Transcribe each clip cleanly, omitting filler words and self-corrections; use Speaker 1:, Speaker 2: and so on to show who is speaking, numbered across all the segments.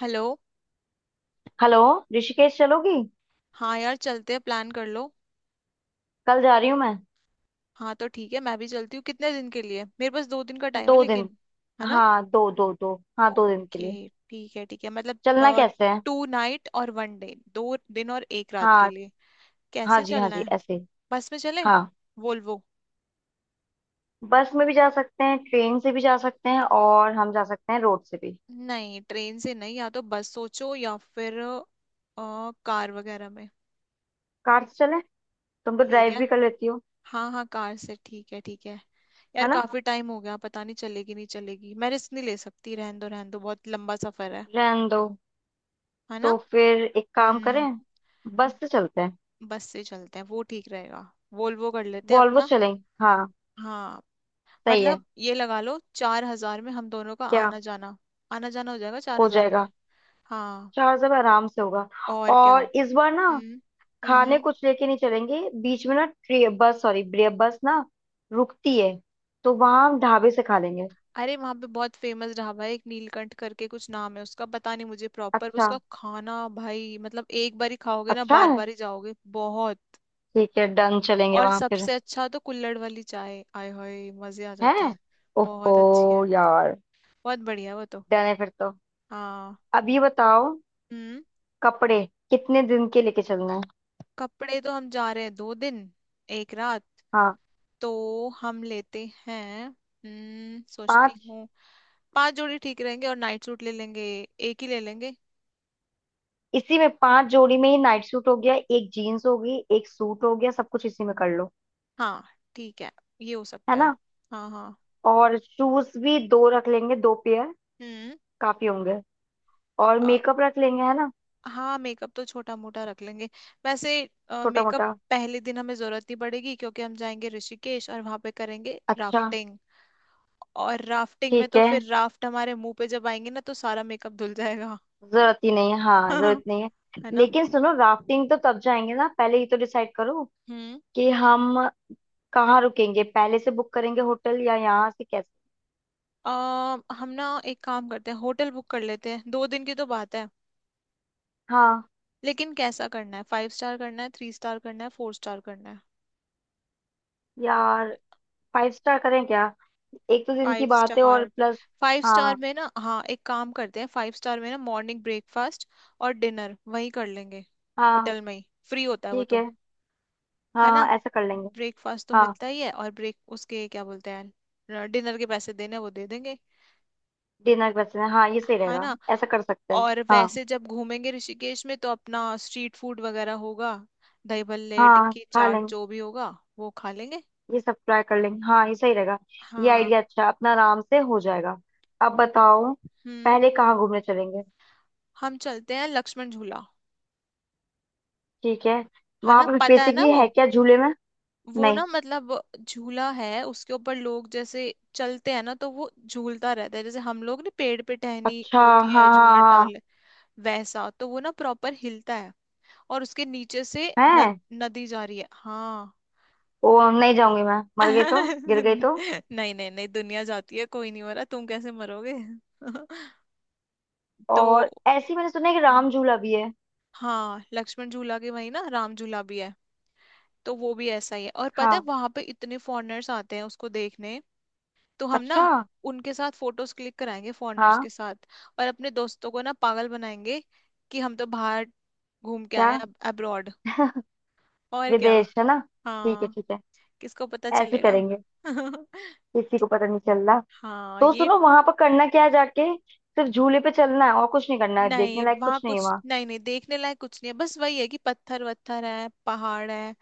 Speaker 1: Hello.
Speaker 2: Hello. Rishikesh चलोगी?
Speaker 1: हाँ यार, चलते हैं, प्लान कर लो।
Speaker 2: कल जा रही हूँ मैं।
Speaker 1: हाँ तो ठीक है, मैं भी चलती हूँ। कितने दिन के लिए? मेरे पास 2 दिन का टाइम
Speaker 2: दो
Speaker 1: है
Speaker 2: दिन
Speaker 1: लेकिन। है ना?
Speaker 2: हाँ दो दो दो। हाँ दो दिन के
Speaker 1: ओके
Speaker 2: लिए
Speaker 1: ठीक है ठीक है,
Speaker 2: चलना
Speaker 1: मतलब
Speaker 2: कैसे है?
Speaker 1: 2 नाइट और वन डे, 2 दिन और एक रात के
Speaker 2: हाँ।
Speaker 1: लिए।
Speaker 2: हाँ
Speaker 1: कैसे
Speaker 2: जी हाँ
Speaker 1: चलना
Speaker 2: जी ऐसे
Speaker 1: है?
Speaker 2: ही।
Speaker 1: बस में चलें?
Speaker 2: हाँ।
Speaker 1: वोल्वो?
Speaker 2: बस में भी जा सकते हैं, ट्रेन से भी जा सकते हैं, और हम जा सकते हैं रोड से भी।
Speaker 1: नहीं, ट्रेन से नहीं, या तो बस सोचो या फिर कार वगैरह में।
Speaker 2: कार से चलें? तुम तो
Speaker 1: ठीक
Speaker 2: ड्राइव
Speaker 1: है।
Speaker 2: भी कर लेती हो।
Speaker 1: हाँ हाँ, कार से, ठीक है ठीक है।
Speaker 2: है
Speaker 1: यार
Speaker 2: ना।
Speaker 1: काफी टाइम हो गया, पता नहीं चलेगी नहीं चलेगी, मैं रिस्क नहीं ले सकती, रहन दो रहन दो, बहुत लंबा सफर है।
Speaker 2: रहने दो।
Speaker 1: है ना?
Speaker 2: तो फिर एक काम करें,
Speaker 1: हम्म।
Speaker 2: बस से चलते हैं।
Speaker 1: बस से चलते हैं, वो ठीक रहेगा, वोल्वो कर लेते हैं
Speaker 2: वॉल्वो
Speaker 1: अपना।
Speaker 2: से चलेंगे, हाँ।
Speaker 1: हाँ।
Speaker 2: सही है।
Speaker 1: मतलब ये लगा लो, 4 हजार में हम दोनों का
Speaker 2: क्या?
Speaker 1: आना जाना। आना जाना हो जाएगा चार
Speaker 2: हो
Speaker 1: हजार में।
Speaker 2: जाएगा।
Speaker 1: हाँ।
Speaker 2: चार सब आराम से होगा।
Speaker 1: और क्या।
Speaker 2: और इस बार ना,
Speaker 1: हम्म।
Speaker 2: खाने
Speaker 1: हम्म।
Speaker 2: कुछ लेके नहीं चलेंगे बीच में ना। ट्रे बस सॉरी ब्रे बस ना रुकती है, तो वहां हम ढाबे से खा लेंगे।
Speaker 1: अरे वहां पे बहुत फेमस ढाबा है, एक नीलकंठ करके कुछ नाम है उसका, पता नहीं मुझे प्रॉपर।
Speaker 2: अच्छा।
Speaker 1: उसका खाना भाई, मतलब एक बार ही खाओगे ना,
Speaker 2: अच्छा
Speaker 1: बार
Speaker 2: है।
Speaker 1: बार ही जाओगे, बहुत।
Speaker 2: ठीक है डन, चलेंगे
Speaker 1: और
Speaker 2: वहां फिर।
Speaker 1: सबसे अच्छा तो कुल्हड़ वाली चाय, आय हाय मजे आ
Speaker 2: है।
Speaker 1: जाते हैं।
Speaker 2: ओफो
Speaker 1: बहुत अच्छी है।
Speaker 2: यार।
Speaker 1: बहुत बढ़िया है वो तो।
Speaker 2: डन है फिर तो।
Speaker 1: हाँ।
Speaker 2: अब ये बताओ,
Speaker 1: हम्म।
Speaker 2: कपड़े कितने दिन के लेके चलना है?
Speaker 1: कपड़े तो हम जा रहे हैं 2 दिन, एक रात।
Speaker 2: हाँ।
Speaker 1: तो हम लेते हैं,
Speaker 2: पांच।
Speaker 1: सोचती हूँ। 5 जोड़ी ठीक रहेंगे, और नाइट सूट ले लेंगे। एक ही ले लेंगे।
Speaker 2: इसी में 5 जोड़ी में ही नाइट सूट हो गया, एक जीन्स हो गई, एक सूट हो गया, सब कुछ इसी में कर लो।
Speaker 1: हाँ। ठीक है। ये हो
Speaker 2: है
Speaker 1: सकता है।
Speaker 2: ना।
Speaker 1: हाँ हाँ।
Speaker 2: और शूज भी दो रख लेंगे, 2 पेयर
Speaker 1: हम्म।
Speaker 2: काफी होंगे। और
Speaker 1: अ,
Speaker 2: मेकअप रख लेंगे, है ना।
Speaker 1: हाँ, मेकअप तो छोटा मोटा रख लेंगे। वैसे
Speaker 2: छोटा
Speaker 1: मेकअप
Speaker 2: मोटा।
Speaker 1: पहले दिन हमें जरूरत नहीं पड़ेगी, क्योंकि हम जाएंगे ऋषिकेश और वहां पे करेंगे
Speaker 2: अच्छा।
Speaker 1: राफ्टिंग। और राफ्टिंग में
Speaker 2: ठीक
Speaker 1: तो
Speaker 2: है।
Speaker 1: फिर राफ्ट हमारे मुंह पे जब आएंगे ना, तो सारा मेकअप धुल जाएगा।
Speaker 2: जरूरत ही नहीं है, हाँ जरूरत नहीं है।
Speaker 1: है ना?
Speaker 2: लेकिन सुनो, राफ्टिंग तो तब जाएंगे ना, पहले ये तो डिसाइड करो
Speaker 1: हम्म।
Speaker 2: कि हम कहाँ रुकेंगे। पहले से बुक करेंगे होटल या यहाँ से कैसे?
Speaker 1: अ, हम ना एक काम करते हैं, होटल बुक कर लेते हैं, 2 दिन की तो बात है।
Speaker 2: हाँ।
Speaker 1: लेकिन कैसा करना है, 5 स्टार करना है, 3 स्टार करना है, 4 स्टार करना है?
Speaker 2: यार 5 स्टार करें क्या? एक तो दिन की
Speaker 1: फाइव
Speaker 2: बात है और
Speaker 1: स्टार।
Speaker 2: प्लस।
Speaker 1: 5 स्टार
Speaker 2: हाँ।
Speaker 1: में ना, हाँ, एक काम करते हैं, 5 स्टार में ना मॉर्निंग ब्रेकफास्ट और डिनर वहीं कर लेंगे।
Speaker 2: हाँ
Speaker 1: होटल में ही फ्री होता है वो
Speaker 2: ठीक
Speaker 1: तो।
Speaker 2: है। हाँ
Speaker 1: है ना?
Speaker 2: हाँ ऐसा कर लेंगे।
Speaker 1: ब्रेकफास्ट तो
Speaker 2: हाँ।
Speaker 1: मिलता ही है, और ब्रेक उसके क्या बोलते हैं, डिनर के पैसे देने हैं, वो दे देंगे।
Speaker 2: डिनर वैसे, हाँ ये सही
Speaker 1: है
Speaker 2: रहेगा।
Speaker 1: ना?
Speaker 2: ऐसा कर सकते हैं।
Speaker 1: और
Speaker 2: हाँ।
Speaker 1: वैसे जब घूमेंगे ऋषिकेश में, तो अपना स्ट्रीट फूड वगैरह होगा। दही भल्ले
Speaker 2: हाँ
Speaker 1: टिक्की
Speaker 2: खा
Speaker 1: चाट
Speaker 2: लेंगे।
Speaker 1: जो भी होगा वो खा लेंगे।
Speaker 2: ये सब ट्राई कर लेंगे, हाँ ये सही रहेगा। ये
Speaker 1: हाँ।
Speaker 2: आइडिया अच्छा है, अपना आराम से हो जाएगा। अब बताओ,
Speaker 1: हम्म।
Speaker 2: पहले कहाँ घूमने चलेंगे?
Speaker 1: हम चलते हैं लक्ष्मण झूला।
Speaker 2: ठीक है।
Speaker 1: है
Speaker 2: वहां
Speaker 1: ना,
Speaker 2: पर
Speaker 1: पता है ना
Speaker 2: बेसिकली
Speaker 1: वो?
Speaker 2: है क्या झूले में?
Speaker 1: वो
Speaker 2: नहीं।
Speaker 1: ना, मतलब झूला है, उसके ऊपर लोग जैसे चलते हैं ना, तो वो झूलता रहता है। जैसे हम लोग ना पेड़ पे टहनी
Speaker 2: अच्छा।
Speaker 1: होती है
Speaker 2: हाँ
Speaker 1: झूला
Speaker 2: हाँ
Speaker 1: डाल, वैसा। तो वो ना प्रॉपर हिलता है, और उसके नीचे से
Speaker 2: हाँ।
Speaker 1: न,
Speaker 2: है।
Speaker 1: नदी जा रही है, हाँ।
Speaker 2: ओ नहीं, जाऊंगी मैं। मर गई तो? गिर गई तो?
Speaker 1: नहीं नहीं नहीं, दुनिया जाती है, कोई नहीं मरा, तुम कैसे मरोगे। तो
Speaker 2: और ऐसी मैंने सुना है कि राम झूला भी है।
Speaker 1: हाँ, लक्ष्मण झूला के वही ना राम झूला भी है, तो वो भी ऐसा ही है। और पता है
Speaker 2: हाँ।
Speaker 1: वहां पे इतने फॉरेनर्स आते हैं उसको देखने, तो हम ना
Speaker 2: अच्छा।
Speaker 1: उनके साथ फोटोज क्लिक कराएंगे, फॉरेनर्स
Speaker 2: हाँ।
Speaker 1: के साथ। और अपने दोस्तों को ना पागल बनाएंगे कि हम तो बाहर घूम के
Speaker 2: क्या?
Speaker 1: आए हैं, अब्रॉड। और क्या।
Speaker 2: विदेश है ना। ठीक है
Speaker 1: हाँ।
Speaker 2: ठीक है।
Speaker 1: किसको पता
Speaker 2: ऐसे ही
Speaker 1: चलेगा?
Speaker 2: करेंगे। किसी को पता नहीं चल रहा।
Speaker 1: हाँ
Speaker 2: तो
Speaker 1: ये।
Speaker 2: सुनो, वहां पर करना क्या है, जाके सिर्फ झूले पे चलना है और कुछ नहीं करना है, देखने
Speaker 1: नहीं
Speaker 2: लायक
Speaker 1: वहां
Speaker 2: कुछ नहीं है
Speaker 1: कुछ
Speaker 2: वहाँ।
Speaker 1: नहीं, नहीं देखने लायक कुछ नहीं है, बस वही है कि पत्थर वत्थर है, पहाड़ है,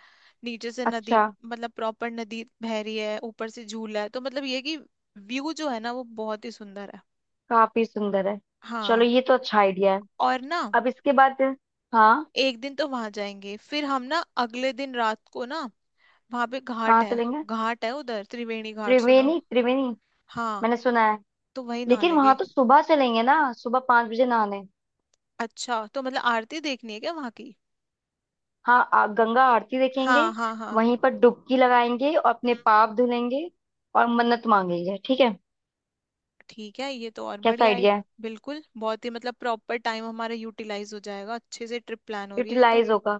Speaker 1: नीचे से नदी।
Speaker 2: अच्छा।
Speaker 1: मतलब प्रॉपर नदी बह रही है, ऊपर से झूला है, तो मतलब ये है कि व्यू जो है ना, वो बहुत ही सुंदर है।
Speaker 2: काफी सुंदर है।
Speaker 1: हाँ।
Speaker 2: चलो, ये तो अच्छा आइडिया है।
Speaker 1: और ना,
Speaker 2: अब इसके बाद। हाँ।
Speaker 1: एक दिन तो वहां जाएंगे, फिर हम ना अगले दिन रात को ना वहां पे घाट
Speaker 2: कहाँ
Speaker 1: है।
Speaker 2: चलेंगे?
Speaker 1: घाट है उधर, त्रिवेणी घाट सुना।
Speaker 2: त्रिवेणी त्रिवेणी।
Speaker 1: हाँ।
Speaker 2: मैंने सुना है।
Speaker 1: तो वही नहा
Speaker 2: लेकिन वहां
Speaker 1: लेंगे।
Speaker 2: तो सुबह चलेंगे ना, सुबह 5 बजे नहाने।
Speaker 1: अच्छा, तो मतलब आरती देखनी है क्या वहां की?
Speaker 2: हाँ गंगा आरती देखेंगे।
Speaker 1: हाँ हाँ हाँ।
Speaker 2: वहीं पर डुबकी लगाएंगे और अपने पाप धुलेंगे, और मन्नत मांगेंगे, ठीक है।
Speaker 1: ठीक है, ये तो और
Speaker 2: कैसा
Speaker 1: बढ़िया है।
Speaker 2: आइडिया है?
Speaker 1: बिल्कुल बहुत ही, मतलब प्रॉपर टाइम हमारा यूटिलाइज हो जाएगा अच्छे से, ट्रिप प्लान हो रही है ये तो।
Speaker 2: यूटिलाइज होगा।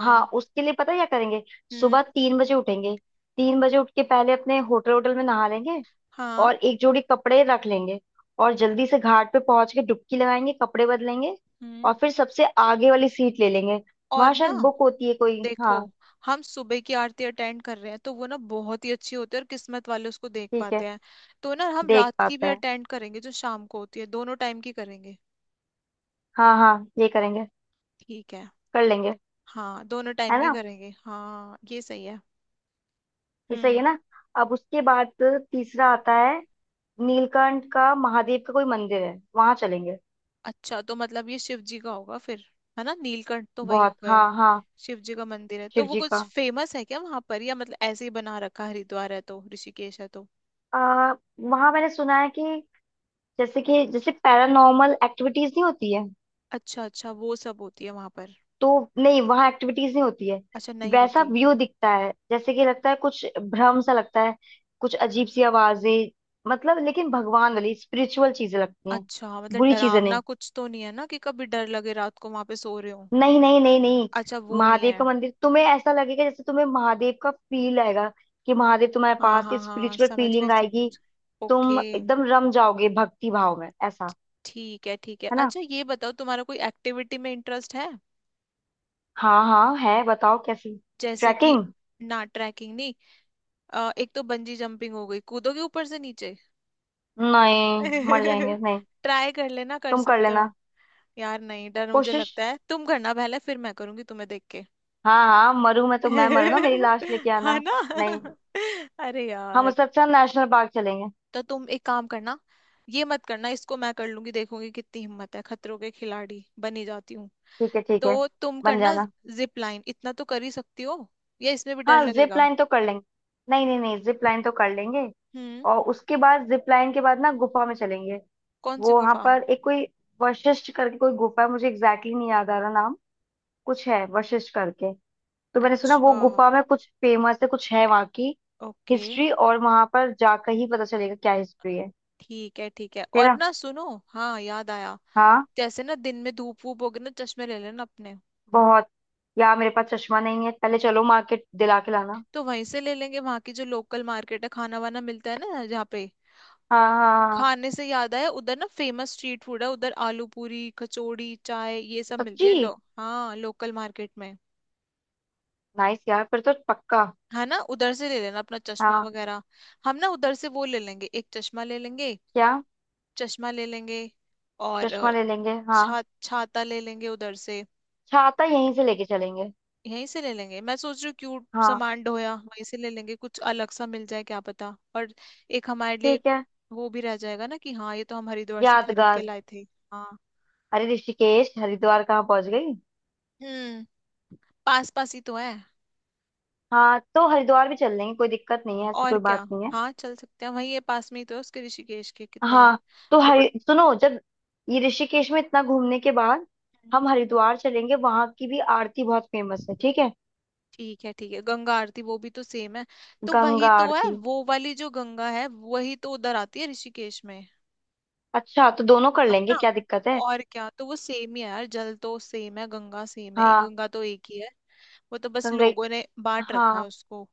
Speaker 2: हाँ उसके लिए पता है क्या करेंगे?
Speaker 1: हम्म।
Speaker 2: सुबह 3 बजे उठेंगे। 3 बजे उठ के पहले अपने होटल होटल में नहा लेंगे।
Speaker 1: हाँ।
Speaker 2: और 1 जोड़ी कपड़े रख लेंगे। और जल्दी से घाट पे पहुंच के डुबकी लगाएंगे, कपड़े बदलेंगे।
Speaker 1: हम्म।
Speaker 2: और फिर सबसे आगे वाली सीट ले लेंगे। वहां
Speaker 1: और ना
Speaker 2: शायद बुक होती है कोई,
Speaker 1: देखो,
Speaker 2: हाँ।
Speaker 1: हम सुबह की आरती अटेंड कर रहे हैं, तो वो ना बहुत ही अच्छी होती है और किस्मत वाले उसको देख
Speaker 2: ठीक है।
Speaker 1: पाते हैं। तो ना हम
Speaker 2: देख
Speaker 1: रात की भी
Speaker 2: पाते हैं।
Speaker 1: अटेंड करेंगे, जो शाम को होती है, दोनों टाइम की करेंगे।
Speaker 2: हाँ हाँ ये करेंगे।
Speaker 1: ठीक है।
Speaker 2: कर लेंगे।
Speaker 1: हाँ दोनों टाइम
Speaker 2: है
Speaker 1: की
Speaker 2: ना।
Speaker 1: करेंगे, हाँ ये सही है।
Speaker 2: ये सही
Speaker 1: हम्म।
Speaker 2: है ना। अब उसके बाद तीसरा आता है, नीलकंठ का, महादेव का कोई मंदिर है, वहां चलेंगे।
Speaker 1: अच्छा तो मतलब ये शिव जी का होगा फिर, है ना? नीलकंठ तो वही हो
Speaker 2: बहुत,
Speaker 1: गए।
Speaker 2: हाँ हाँ।
Speaker 1: शिव जी का मंदिर है,
Speaker 2: शिव
Speaker 1: तो वो
Speaker 2: जी
Speaker 1: कुछ
Speaker 2: का
Speaker 1: फेमस है क्या वहां पर, या मतलब ऐसे ही बना रखा है, हरिद्वार है तो ऋषिकेश है तो।
Speaker 2: आ, वहां मैंने सुना है कि जैसे पैरानॉर्मल एक्टिविटीज नहीं होती है।
Speaker 1: अच्छा अच्छा, वो सब होती है वहां पर।
Speaker 2: तो नहीं, वहां एक्टिविटीज नहीं होती है।
Speaker 1: अच्छा, नहीं
Speaker 2: वैसा
Speaker 1: होती।
Speaker 2: व्यू दिखता है, जैसे कि लगता है कुछ भ्रम सा लगता है, कुछ अजीब सी आवाजें, मतलब लेकिन भगवान वाली स्पिरिचुअल चीजें लगती हैं।
Speaker 1: अच्छा, मतलब
Speaker 2: बुरी चीजें नहीं।
Speaker 1: डरावना कुछ तो नहीं है ना, कि कभी डर लगे रात को वहां पे सो रहे हो।
Speaker 2: नहीं नहीं नहीं नहीं।
Speaker 1: अच्छा वो नहीं
Speaker 2: महादेव
Speaker 1: है।
Speaker 2: का मंदिर, तुम्हें ऐसा लगेगा जैसे तुम्हें महादेव का फील आएगा, कि महादेव तुम्हारे
Speaker 1: हाँ
Speaker 2: पास,
Speaker 1: हाँ हाँ,
Speaker 2: स्पिरिचुअल
Speaker 1: समझ गए
Speaker 2: फीलिंग
Speaker 1: समझ
Speaker 2: आएगी।
Speaker 1: गए, ओके।
Speaker 2: तुम एकदम रम जाओगे भक्ति भाव में ऐसा।
Speaker 1: ठीक है ठीक है।
Speaker 2: है ना।
Speaker 1: अच्छा ये बताओ, तुम्हारा कोई एक्टिविटी में इंटरेस्ट है?
Speaker 2: हाँ हाँ है, बताओ कैसी।
Speaker 1: जैसे कि,
Speaker 2: ट्रैकिंग।
Speaker 1: ना ट्रैकिंग नहीं, एक तो बंजी जंपिंग हो गई, कूदोगे ऊपर से नीचे।
Speaker 2: नहीं मर जाएंगे नहीं।
Speaker 1: ट्राई कर लेना, कर
Speaker 2: तुम कर
Speaker 1: सकते हो।
Speaker 2: लेना
Speaker 1: यार नहीं, डर मुझे
Speaker 2: कोशिश।
Speaker 1: लगता है, तुम करना पहले, फिर मैं करूंगी तुम्हें देख के।
Speaker 2: हाँ हाँ मरू, मैं तो मैं मरू ना, मेरी लाश लेके
Speaker 1: है
Speaker 2: आना।
Speaker 1: ना?
Speaker 2: नहीं,
Speaker 1: अरे
Speaker 2: हम
Speaker 1: यार।
Speaker 2: उससे अच्छा नेशनल पार्क चलेंगे।
Speaker 1: तो तुम एक काम करना, ये मत करना, इसको मैं कर लूंगी, देखूंगी कितनी हिम्मत है, खतरों के खिलाड़ी बनी जाती हूँ।
Speaker 2: ठीक है ठीक है।
Speaker 1: तो तुम
Speaker 2: बन
Speaker 1: करना
Speaker 2: जाना।
Speaker 1: जिप लाइन, इतना तो कर ही सकती हो, या इसमें भी डर
Speaker 2: हाँ जिप
Speaker 1: लगेगा?
Speaker 2: लाइन तो कर लेंगे। नहीं नहीं नहीं, जिप लाइन तो कर लेंगे।
Speaker 1: हम्म।
Speaker 2: और उसके बाद जिप लाइन के बाद ना गुफा में चलेंगे।
Speaker 1: कौन सी
Speaker 2: वो वहां
Speaker 1: गुफा?
Speaker 2: पर एक कोई वशिष्ठ करके कोई गुफा है, मुझे एग्जैक्टली नहीं याद आ रहा नाम। कुछ है वशिष्ठ करके। तो मैंने सुना वो
Speaker 1: अच्छा।
Speaker 2: गुफा में कुछ फेमस है, कुछ है वहां की
Speaker 1: ओके।
Speaker 2: हिस्ट्री, और वहां पर जाकर ही पता चलेगा क्या हिस्ट्री है।
Speaker 1: ठीक है ठीक है। और
Speaker 2: तेरा।
Speaker 1: ना सुनो, हाँ याद आया,
Speaker 2: हाँ।
Speaker 1: जैसे ना दिन में धूप वूप होगी ना, चश्मे ले लेना अपने।
Speaker 2: बहुत। यार मेरे पास चश्मा नहीं है, पहले चलो मार्केट दिला के लाना।
Speaker 1: तो वहीं से ले लेंगे, वहां की जो लोकल मार्केट है, खाना वाना मिलता है ना जहाँ पे।
Speaker 2: हाँ हाँ हाँ।
Speaker 1: खाने से याद आया, उधर ना फेमस स्ट्रीट फूड है, उधर आलू पूरी कचौड़ी चाय ये सब मिलती
Speaker 2: सच्ची?
Speaker 1: है, लो। हाँ, लोकल मार्केट में।
Speaker 2: नाइस यार, फिर तो पक्का।
Speaker 1: है ना, उधर से ले लेना अपना चश्मा
Speaker 2: हाँ।
Speaker 1: वगैरह। हम ना उधर से वो ले लेंगे, एक चश्मा ले लेंगे।
Speaker 2: क्या?
Speaker 1: चश्मा ले लेंगे। और
Speaker 2: चश्मा ले लेंगे, हाँ।
Speaker 1: छा छाता ले लेंगे उधर से,
Speaker 2: छाता यहीं से लेके चलेंगे।
Speaker 1: यहीं से ले लेंगे। मैं सोच रही हूँ, क्यूट
Speaker 2: हाँ।
Speaker 1: सामान डोया, वहीं से ले लेंगे, कुछ अलग सा मिल जाए क्या पता, और एक हमारे लिए।
Speaker 2: ठीक है।
Speaker 1: वो भी रह जाएगा ना कि हाँ, ये तो हम हरिद्वार से खरीद के
Speaker 2: यादगार।
Speaker 1: लाए थे। हाँ।
Speaker 2: अरे ऋषिकेश, हरिद्वार कहाँ पहुंच गई।
Speaker 1: हम्म। पास पास ही तो है।
Speaker 2: हाँ तो हरिद्वार भी चल लेंगे, कोई दिक्कत नहीं है, ऐसी
Speaker 1: और
Speaker 2: कोई
Speaker 1: क्या।
Speaker 2: बात नहीं है।
Speaker 1: हाँ चल सकते हैं, वहीं ये पास में ही तो है उसके, ऋषिकेश के कितना
Speaker 2: हाँ तो
Speaker 1: दौड़।
Speaker 2: हरि, सुनो जब ये ऋषिकेश में इतना घूमने के बाद
Speaker 1: हम्म,
Speaker 2: हम हरिद्वार चलेंगे, वहां की भी आरती बहुत फेमस है, ठीक है।
Speaker 1: ठीक है ठीक है, गंगा आरती वो भी तो सेम है। तो वही
Speaker 2: गंगा
Speaker 1: तो है,
Speaker 2: आरती,
Speaker 1: वो वाली जो गंगा है, वही तो उधर आती है ऋषिकेश में।
Speaker 2: अच्छा तो दोनों कर
Speaker 1: है
Speaker 2: लेंगे,
Speaker 1: ना?
Speaker 2: क्या दिक्कत है।
Speaker 1: और क्या, तो वो सेम ही है यार, जल तो सेम है, गंगा सेम है,
Speaker 2: हाँ।
Speaker 1: गंगा तो एक ही है। वो तो बस
Speaker 2: गंगा।
Speaker 1: लोगों ने बांट रखा
Speaker 2: हाँ।
Speaker 1: है उसको।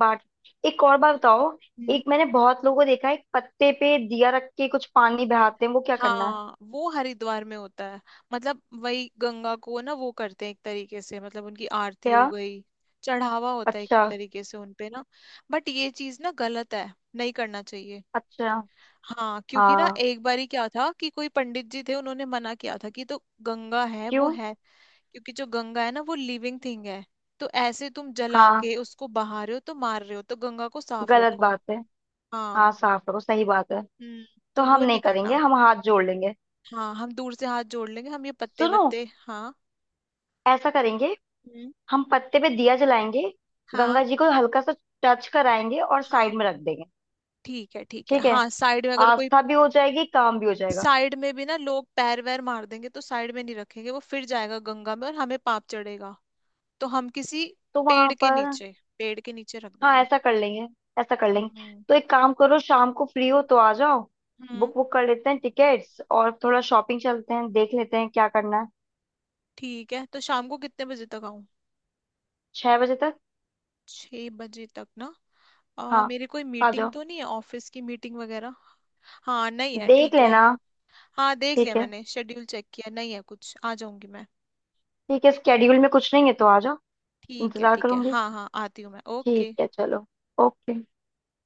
Speaker 2: बाट। एक और बात बताओ,
Speaker 1: हम्म।
Speaker 2: एक मैंने बहुत लोगों को देखा है, एक पत्ते पे दिया रख के कुछ पानी बहाते हैं, वो क्या करना है?
Speaker 1: हाँ, वो हरिद्वार में होता है। मतलब वही गंगा को ना वो करते हैं एक तरीके से, मतलब उनकी आरती
Speaker 2: क्या?
Speaker 1: हो गई, चढ़ावा होता है एक
Speaker 2: अच्छा।
Speaker 1: तरीके से उनपे ना। बट ये चीज ना गलत है, नहीं करना चाहिए।
Speaker 2: अच्छा।
Speaker 1: हाँ, क्योंकि ना
Speaker 2: हाँ।
Speaker 1: एक बार ही क्या था कि कोई पंडित जी थे, उन्होंने मना किया था कि, तो गंगा है वो
Speaker 2: क्यों?
Speaker 1: है। क्योंकि जो गंगा है ना, वो लिविंग थिंग है। तो ऐसे तुम जला
Speaker 2: हाँ
Speaker 1: के उसको बहा रहे हो तो मार रहे हो, तो गंगा को साफ
Speaker 2: गलत
Speaker 1: रखो।
Speaker 2: बात है।
Speaker 1: हाँ।
Speaker 2: हाँ साफ रखो, सही बात है।
Speaker 1: हम्म। तो
Speaker 2: तो
Speaker 1: वो
Speaker 2: हम नहीं
Speaker 1: नहीं
Speaker 2: करेंगे,
Speaker 1: करना।
Speaker 2: हम हाथ जोड़ लेंगे।
Speaker 1: हाँ, हम दूर से हाथ जोड़ लेंगे, हम ये पत्ते
Speaker 2: सुनो,
Speaker 1: वत्ते, हाँ।
Speaker 2: ऐसा करेंगे,
Speaker 1: हम्म।
Speaker 2: हम पत्ते पे दिया जलाएंगे,
Speaker 1: हाँ
Speaker 2: गंगा जी को हल्का सा टच कराएंगे और
Speaker 1: हाँ
Speaker 2: साइड में रख देंगे।
Speaker 1: ठीक है ठीक है,
Speaker 2: ठीक है।
Speaker 1: हाँ, साइड में, अगर कोई
Speaker 2: आस्था भी हो जाएगी, काम भी हो जाएगा।
Speaker 1: साइड में भी ना, लोग पैर वैर मार देंगे, तो साइड में नहीं रखेंगे, वो फिर जाएगा गंगा में और हमें पाप चढ़ेगा। तो हम किसी
Speaker 2: तो
Speaker 1: पेड़
Speaker 2: वहां
Speaker 1: के
Speaker 2: पर।
Speaker 1: नीचे, पेड़ के नीचे रख
Speaker 2: हाँ
Speaker 1: देंगे।
Speaker 2: ऐसा कर लेंगे। ऐसा कर लेंगे।
Speaker 1: हम्म।
Speaker 2: तो एक काम करो, शाम को फ्री हो तो आ जाओ,
Speaker 1: हम्म।
Speaker 2: बुक बुक कर लेते हैं टिकट्स, और थोड़ा शॉपिंग चलते हैं, देख लेते हैं क्या करना है।
Speaker 1: ठीक है, तो शाम को कितने बजे तक आऊं?
Speaker 2: 6 बजे तक।
Speaker 1: 6 बजे तक ना।
Speaker 2: हाँ
Speaker 1: मेरे कोई
Speaker 2: आ
Speaker 1: मीटिंग
Speaker 2: जाओ,
Speaker 1: तो नहीं है, ऑफिस की मीटिंग वगैरह। हाँ नहीं है,
Speaker 2: देख
Speaker 1: ठीक है।
Speaker 2: लेना।
Speaker 1: हाँ देख लिया
Speaker 2: ठीक है
Speaker 1: मैंने, शेड्यूल चेक किया, नहीं है कुछ, आ जाऊंगी मैं।
Speaker 2: ठीक है, स्केड्यूल में कुछ नहीं है तो आ जाओ।
Speaker 1: ठीक है
Speaker 2: इंतजार
Speaker 1: ठीक है,
Speaker 2: करूंगी।
Speaker 1: हाँ हाँ, आती हूँ मैं,
Speaker 2: ठीक
Speaker 1: ओके।
Speaker 2: है चलो। ओके।